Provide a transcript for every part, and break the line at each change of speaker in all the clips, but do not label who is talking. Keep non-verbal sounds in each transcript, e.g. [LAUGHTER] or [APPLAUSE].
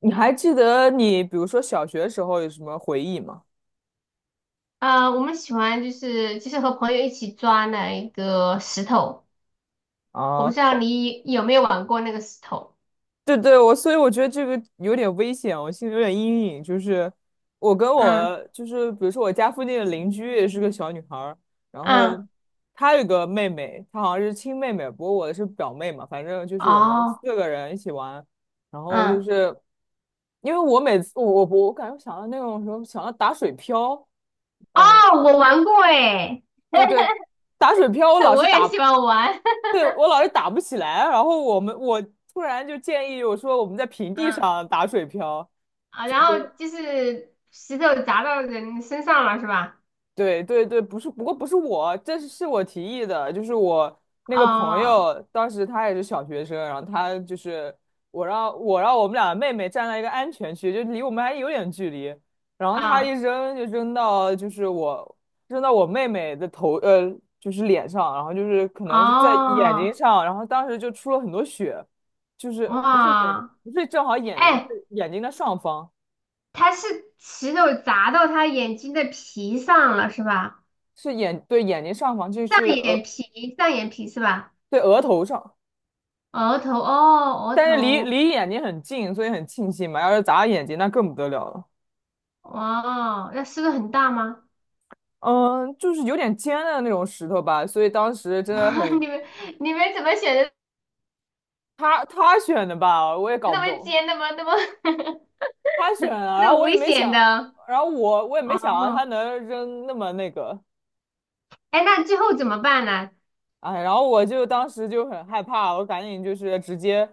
你还记得你比如说小学时候有什么回忆吗？
啊，我们喜欢就是和朋友一起抓那一个石头，我
啊，
不知道
哦，
你有没有玩过那个石头。
对对，所以我觉得这个有点危险，我心里有点阴影。就是我跟
嗯
我就是比如说我家附近的邻居也是个小女孩儿，然后
嗯，
她有个妹妹，她好像是亲妹妹，不过我的是表妹嘛，反正就是我们
哦，
四个人一起玩，然后就
嗯
是因为我每次我我我感觉想到那种什么想到打水漂。
哦，
嗯，
我玩过诶，
对对。打水漂，我
[LAUGHS]
老是
我也喜
打，
欢玩。
对，我
[LAUGHS]
老是打不起来，然后我突然就建议我说我们在平地
嗯
上打水漂。
啊，然后就是石头砸到人身上了是吧？
对对对，不是，不过不是我，这是我提议的，就是我那个朋
哦
友，当时他也是小学生，然后他就是我让我们俩妹妹站在一个安全区，就离我们还有点距离，然后他一
啊
扔就扔到我妹妹的头，就是脸上，然后就是可能是在眼睛
哦
上，然后当时就出了很多血，就是不是眼睛，
哇，
不是正好眼睛，
哎，
是眼睛的上方，
他是石头砸到他眼睛的皮上了是吧？
对，眼睛上方，
上眼皮，上眼皮是吧？
对，额头上。
额头哦，额
但是离
头
离眼睛很近，所以很庆幸嘛。要是砸眼睛，那更不得了了。
哇，那是个很大吗？
嗯，就是有点尖的那种石头吧，所以当时真
[LAUGHS]
的
哇
很，
你们怎么选的
他选的吧，我也搞
那
不
么
懂，
尖的吗？那么
他选
[LAUGHS]
了，然
那
后
么
我也
危
没
险
想，
的
然后我也没想到他
哦？
能扔那么那个。
哎，那最后怎么办呢？
哎，然后我就当时就很害怕，我赶紧就是直接，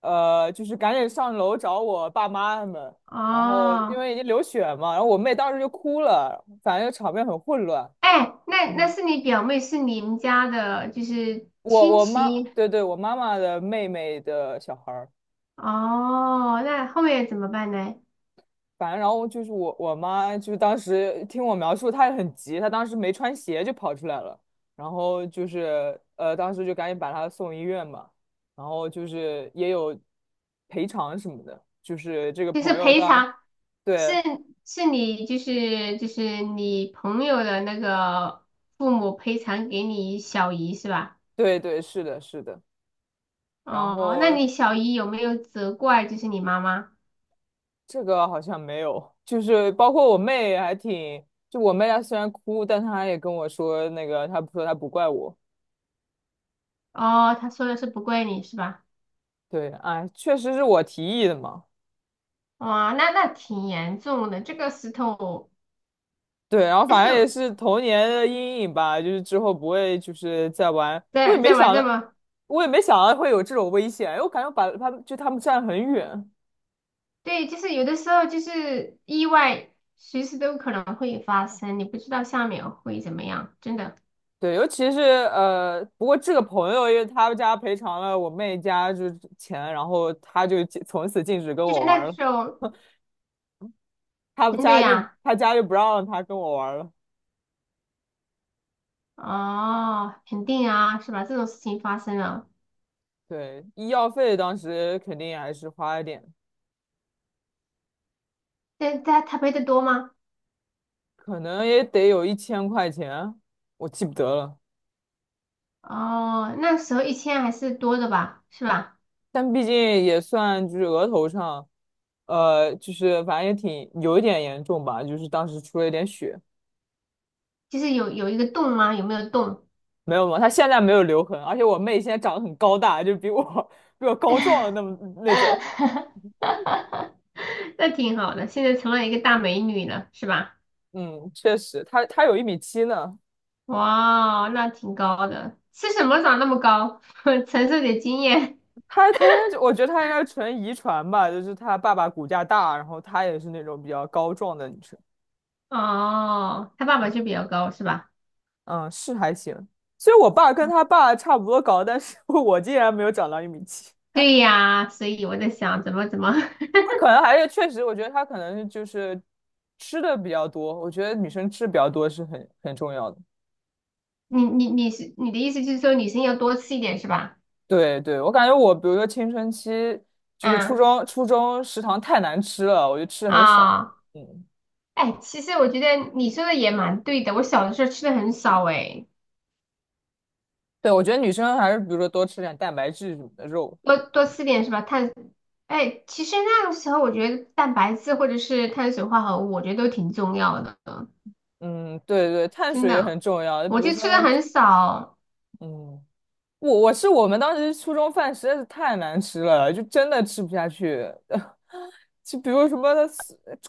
就是赶紧上楼找我爸妈他们，然后因
哦，
为已经流血嘛，然后我妹当时就哭了，反正场面很混乱。
哎，那
嗯。
是你表妹，是你们家的，就是
我
亲
我妈，
戚
对对，我妈妈的妹妹的小孩儿。
哦。那后面怎么办呢？
反正然后就是我妈，就是当时听我描述，她也很急，她当时没穿鞋就跑出来了，然后就是当时就赶紧把她送医院嘛，然后就是也有赔偿什么的，就是这个
就是
朋友
赔
当，
偿，是
对
是你就是你朋友的那个父母赔偿给你小姨是吧？
对对，是的，是的，然
哦，那
后
你小姨有没有责怪就是你妈妈？
这个好像没有，就是包括我妹还挺，就我妹她虽然哭，但她也跟我说那个，她说她不怪我。
哦，她说的是不怪你是吧？
对，哎，确实是我提议的嘛。
哇，那挺严重的，这个石头，
对，然后
但
反正也
是
是童年的阴影吧，就是之后不会就是再玩。我也
在
没
在玩
想
这
到，
么，
我也没想到会有这种危险，因为我感觉我把他们就他们站很远。
对，就是有的时候就是意外，随时都可能会发生，你不知道下面会怎么样，真的，
对，尤其是不过这个朋友因为他们家赔偿了我妹家就是钱，然后他就从此禁止跟
就是
我
那
玩
个
了。
时候，真的呀，
他家就不让他跟我玩了。
哦，肯定啊，是吧？这种事情发生了，
对，医药费当时肯定还是花了点。
但他赔的多吗？
可能也得有1000块钱，我记不得了。
哦，那时候1000还是多的吧，是吧？
但毕竟也算就是额头上，就是反正也挺有一点严重吧，就是当时出了一点血，
就是有一个洞吗？有没有洞？
没有吗？她现在没有留痕，而且我妹现在长得很高大，就比我 [LAUGHS] 比我高壮的那么那种。
[LAUGHS] 那挺好的，现在成了一个大美女了，是吧？
嗯，确实，她有一米七呢，
哇，那挺高的，吃什么长那么高？[LAUGHS] 承受点经验
她她应该就我觉得她应该纯遗传吧，就是她爸爸骨架大，然后她也是那种比较高壮的女生。
哦。他爸爸就比较高，是吧？
嗯，是还行。其实我爸跟他爸差不多高，但是 [LAUGHS] 我竟然没有长到1米7。
对呀，所以我在想怎么，
他可能还是确实，我觉得他可能就是吃的比较多。我觉得女生吃比较多是很重要的。
[LAUGHS] 你是你的意思就是说女生要多吃一点是吧？
对对，我感觉我比如说青春期，就是初
嗯
中初中食堂太难吃了，我就吃的很少。
啊，
嗯，
哎，其实我觉得你说的也蛮对的，我小的时候吃的很少哎，
对，我觉得女生还是比如说多吃点蛋白质什么的肉。
多多吃点是吧？碳，哎，其实那个时候我觉得蛋白质或者是碳水化合物，我觉得都挺重要的，
嗯，对对，碳
真
水也很
的，
重要。比
我
如
就
说，
吃的很少，
嗯，我们当时初中饭实在是太难吃了，就真的吃不下去。[LAUGHS] 就比如什么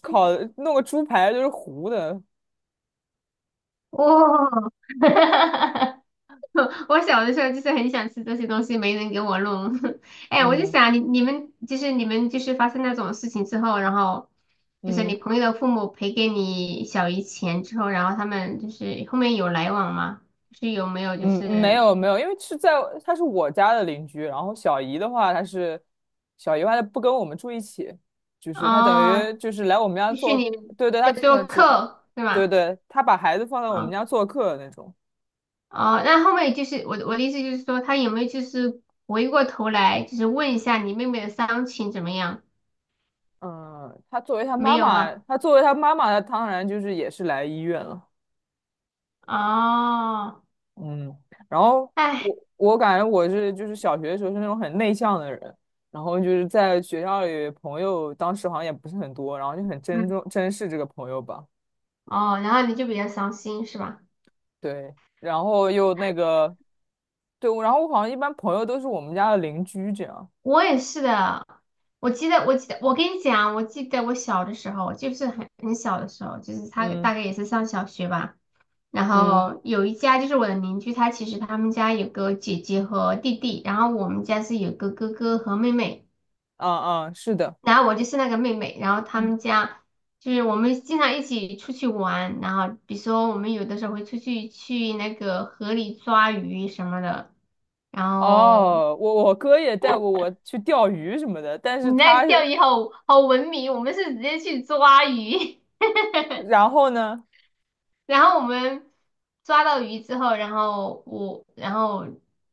烤弄个猪排就是糊的，
哦，[LAUGHS] 我小的时候就是很想吃这些东西，没人给我弄，[LAUGHS] 哎，我就
嗯
想你们就是发生那种事情之后，然后就是你
嗯
朋友的父母赔给你小姨钱之后，然后他们就是后面有来往吗？就是有没有就
嗯，没
是。
有没有，因为他是我家的邻居，然后小姨的话，她不跟我们住一起，就是她等于
哦，
就是来我们家
继续
做，
你
对对，
在
她可
做
能只，
客，对
对
吧？
对，她把孩子放在我们
啊、
家做客的那种。
哦，那后面就是我的意思就是说，他有没有就是回过头来，就是问一下你妹妹的伤情怎么样？
嗯，她作为她
没
妈
有
妈，
啊？
她作为她妈妈，她当然就是也是来医院了。
哦，
嗯，然后
哎，
我感觉就是小学的时候是那种很内向的人，然后就是在学校里朋友当时好像也不是很多，然后就很珍
嗯，
重珍视这个朋友吧，
哦，然后你就比较伤心是吧？
对，然后又那个，对，然后我好像一般朋友都是我们家的邻居这样，
我也是的，我记得，我跟你讲，我记得我小的时候，就是很小的时候，就是他
嗯
大概也是上小学吧。然
嗯，
后有一家就是我的邻居，他其实他们家有个姐姐和弟弟，然后我们家是有个哥哥和妹妹，
啊啊，是的，
然后我就是那个妹妹，然后他
嗯
们家就是我们经常一起出去玩，然后比如说我们有的时候会出去那个河里抓鱼什么的，然后。
哦，我哥也带过我去钓鱼什么的，但
你
是他
那钓
是
鱼好好文明，我们是直接去抓鱼，
然后呢，
[LAUGHS] 然后我们抓到鱼之后，然后我然后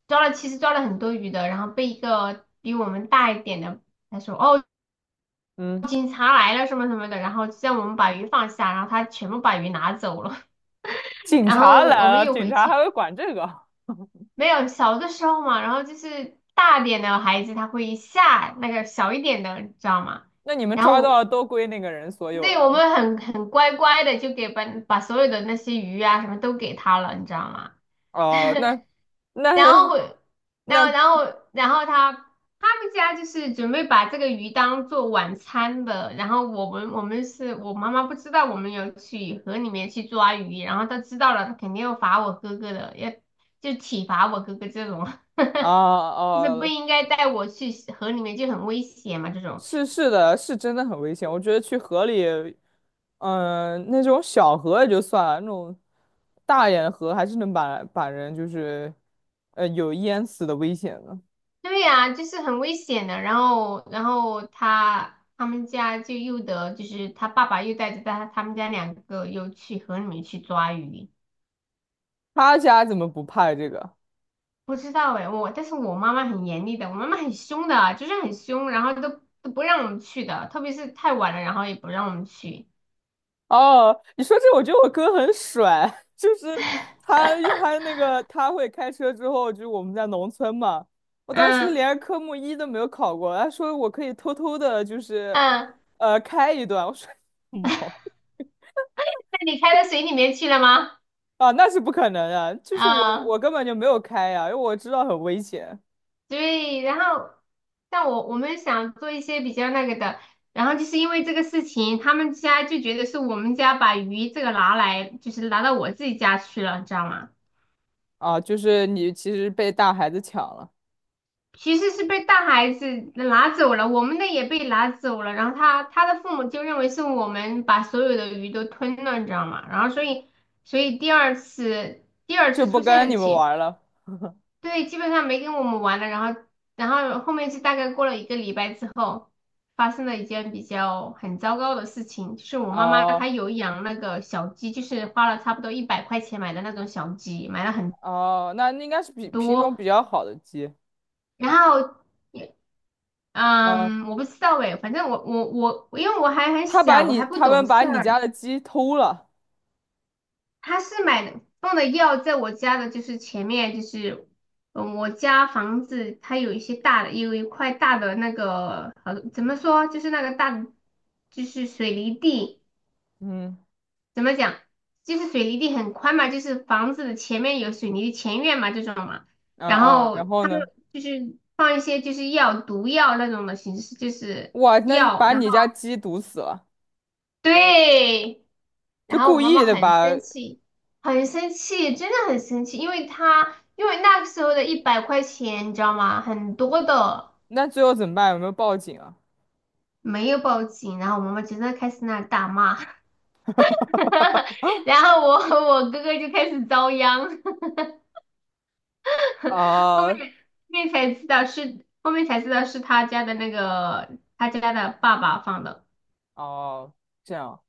抓了，其实抓了很多鱼的，然后被一个比我们大一点的他说哦
嗯，
警察来了什么什么的，然后叫我们把鱼放下，然后他全部把鱼拿走了，[LAUGHS]
警
然
察
后我
来
们
了，
又
警
回
察还
去，
会管这个。
没有小的时候嘛，然后就是大点的孩子他会吓那个小一点的，你知道吗？
那你们
然后
抓到
我
了都归那个人所有
对，我
了。
们很乖乖的就给把所有的那些鱼啊什么都给他了，你知道吗？
哦，
[LAUGHS]
那那
然后会，然后
那
然后然后他们家就是准备把这个鱼当做晚餐的，然后我们是我妈妈不知道我们有去河里面去抓鱼，然后她知道了，她肯定要罚我哥哥的，要就体罚我哥哥这种，
啊
[LAUGHS] 就是不
哦、
应该带我去河里面就很危险嘛这种。
是的，是真的很危险。我觉得去河里，那种小河也就算了，那种大一点的河还是能把人就是，有淹死的危险的。
对呀，就是很危险的。然后，他们家就又得，就是他爸爸又带着他们家两个又去河里面去抓鱼。
他家怎么不怕这个？
不知道哎，但是我妈妈很严厉的，我妈妈很凶的啊，就是很凶，然后都不让我们去的，特别是太晚了，然后也不让我们去。
哦，你说这，我觉得我哥很帅，[LAUGHS] 就是他他那个他会开车之后，就我们在农村嘛，我当时
嗯
连科目一都没有考过，他说我可以偷偷的，就是
嗯，
开一段，我说 [LAUGHS] 毛
那你开到水里面去了吗？
啊，那是不可能的，就是我
嗯。
我根本就没有开呀，因为我知道很危险。
对，然后像我们想做一些比较那个的，然后就是因为这个事情，他们家就觉得是我们家把鱼这个拿来，就是拿到我自己家去了，你知道吗？
啊，就是你其实被大孩子抢了，
其实是被大孩子拿走了，我们的也被拿走了，然后他的父母就认为是我们把所有的鱼都吞了，你知道吗？然后所以第二次第二
就
次
不
出现
跟
的
你们
情。
玩了。
对，基本上没跟我们玩了，然后，后面是大概过了一个礼拜之后，发生了一件比较很糟糕的事情，就是我妈妈她
哦
有养那个小鸡，就是花了差不多一百块钱买的那种小鸡，买了很
哦，那应该是比品种
多，
比较好的鸡。
然后，
嗯，
嗯，我不知道诶，反正我，因为我还很小，我还不
他
懂
们把
事
你
儿，
家的鸡偷了，
他是买的放的药在我家的，就是前面就是，嗯，我家房子它有一些大的，有一块大的那个，怎么说，就是那个大的，就是水泥地，
嗯，
怎么讲，就是水泥地很宽嘛，就是房子的前面有水泥的前院嘛，这种嘛，
啊
然
啊，然
后
后
他们
呢？
就是放一些就是药毒药那种的形式，就是
哇，那
药，
把
然后
你家鸡毒死了，
对。
这
然后我
故
妈妈
意的
很
吧？
生气，很生气，真的很生气，因为那个时候的一百块钱，你知道吗？很多的
那最后怎么办？有没有报警啊？
没有报警，然后我妈妈就在开始那大骂，[LAUGHS] 然后我和我哥哥就开始遭殃，[LAUGHS] 后面
啊，
后面才知道是后面才知道是他家的爸爸放的，
哦，这样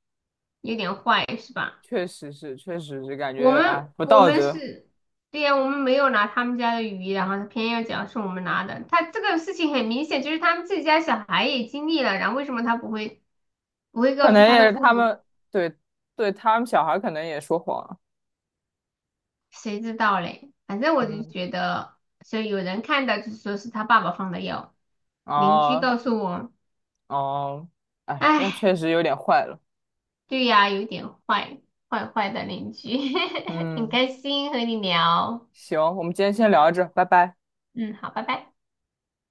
有点坏是吧？
确实是，感
我
觉哎
们
不
我
道
们
德，
是，对呀，我们没有拿他们家的鱼，然后他偏要讲是我们拿的。他这个事情很明显，就是他们自己家小孩也经历了，然后为什么他不会
可
告
能
诉他的
也是
父母？
对对，他们小孩可能也说谎了，
谁知道嘞？反正我就
嗯，
觉得，所以有人看到就说是他爸爸放的药，邻居
哦
告诉我，
哦，哎，那
哎，
确实有点坏了，
对呀，有点坏，坏坏的邻居，[LAUGHS] 很
嗯，
开心和你聊，
行，我们今天先聊着，拜拜。
嗯，好，拜拜。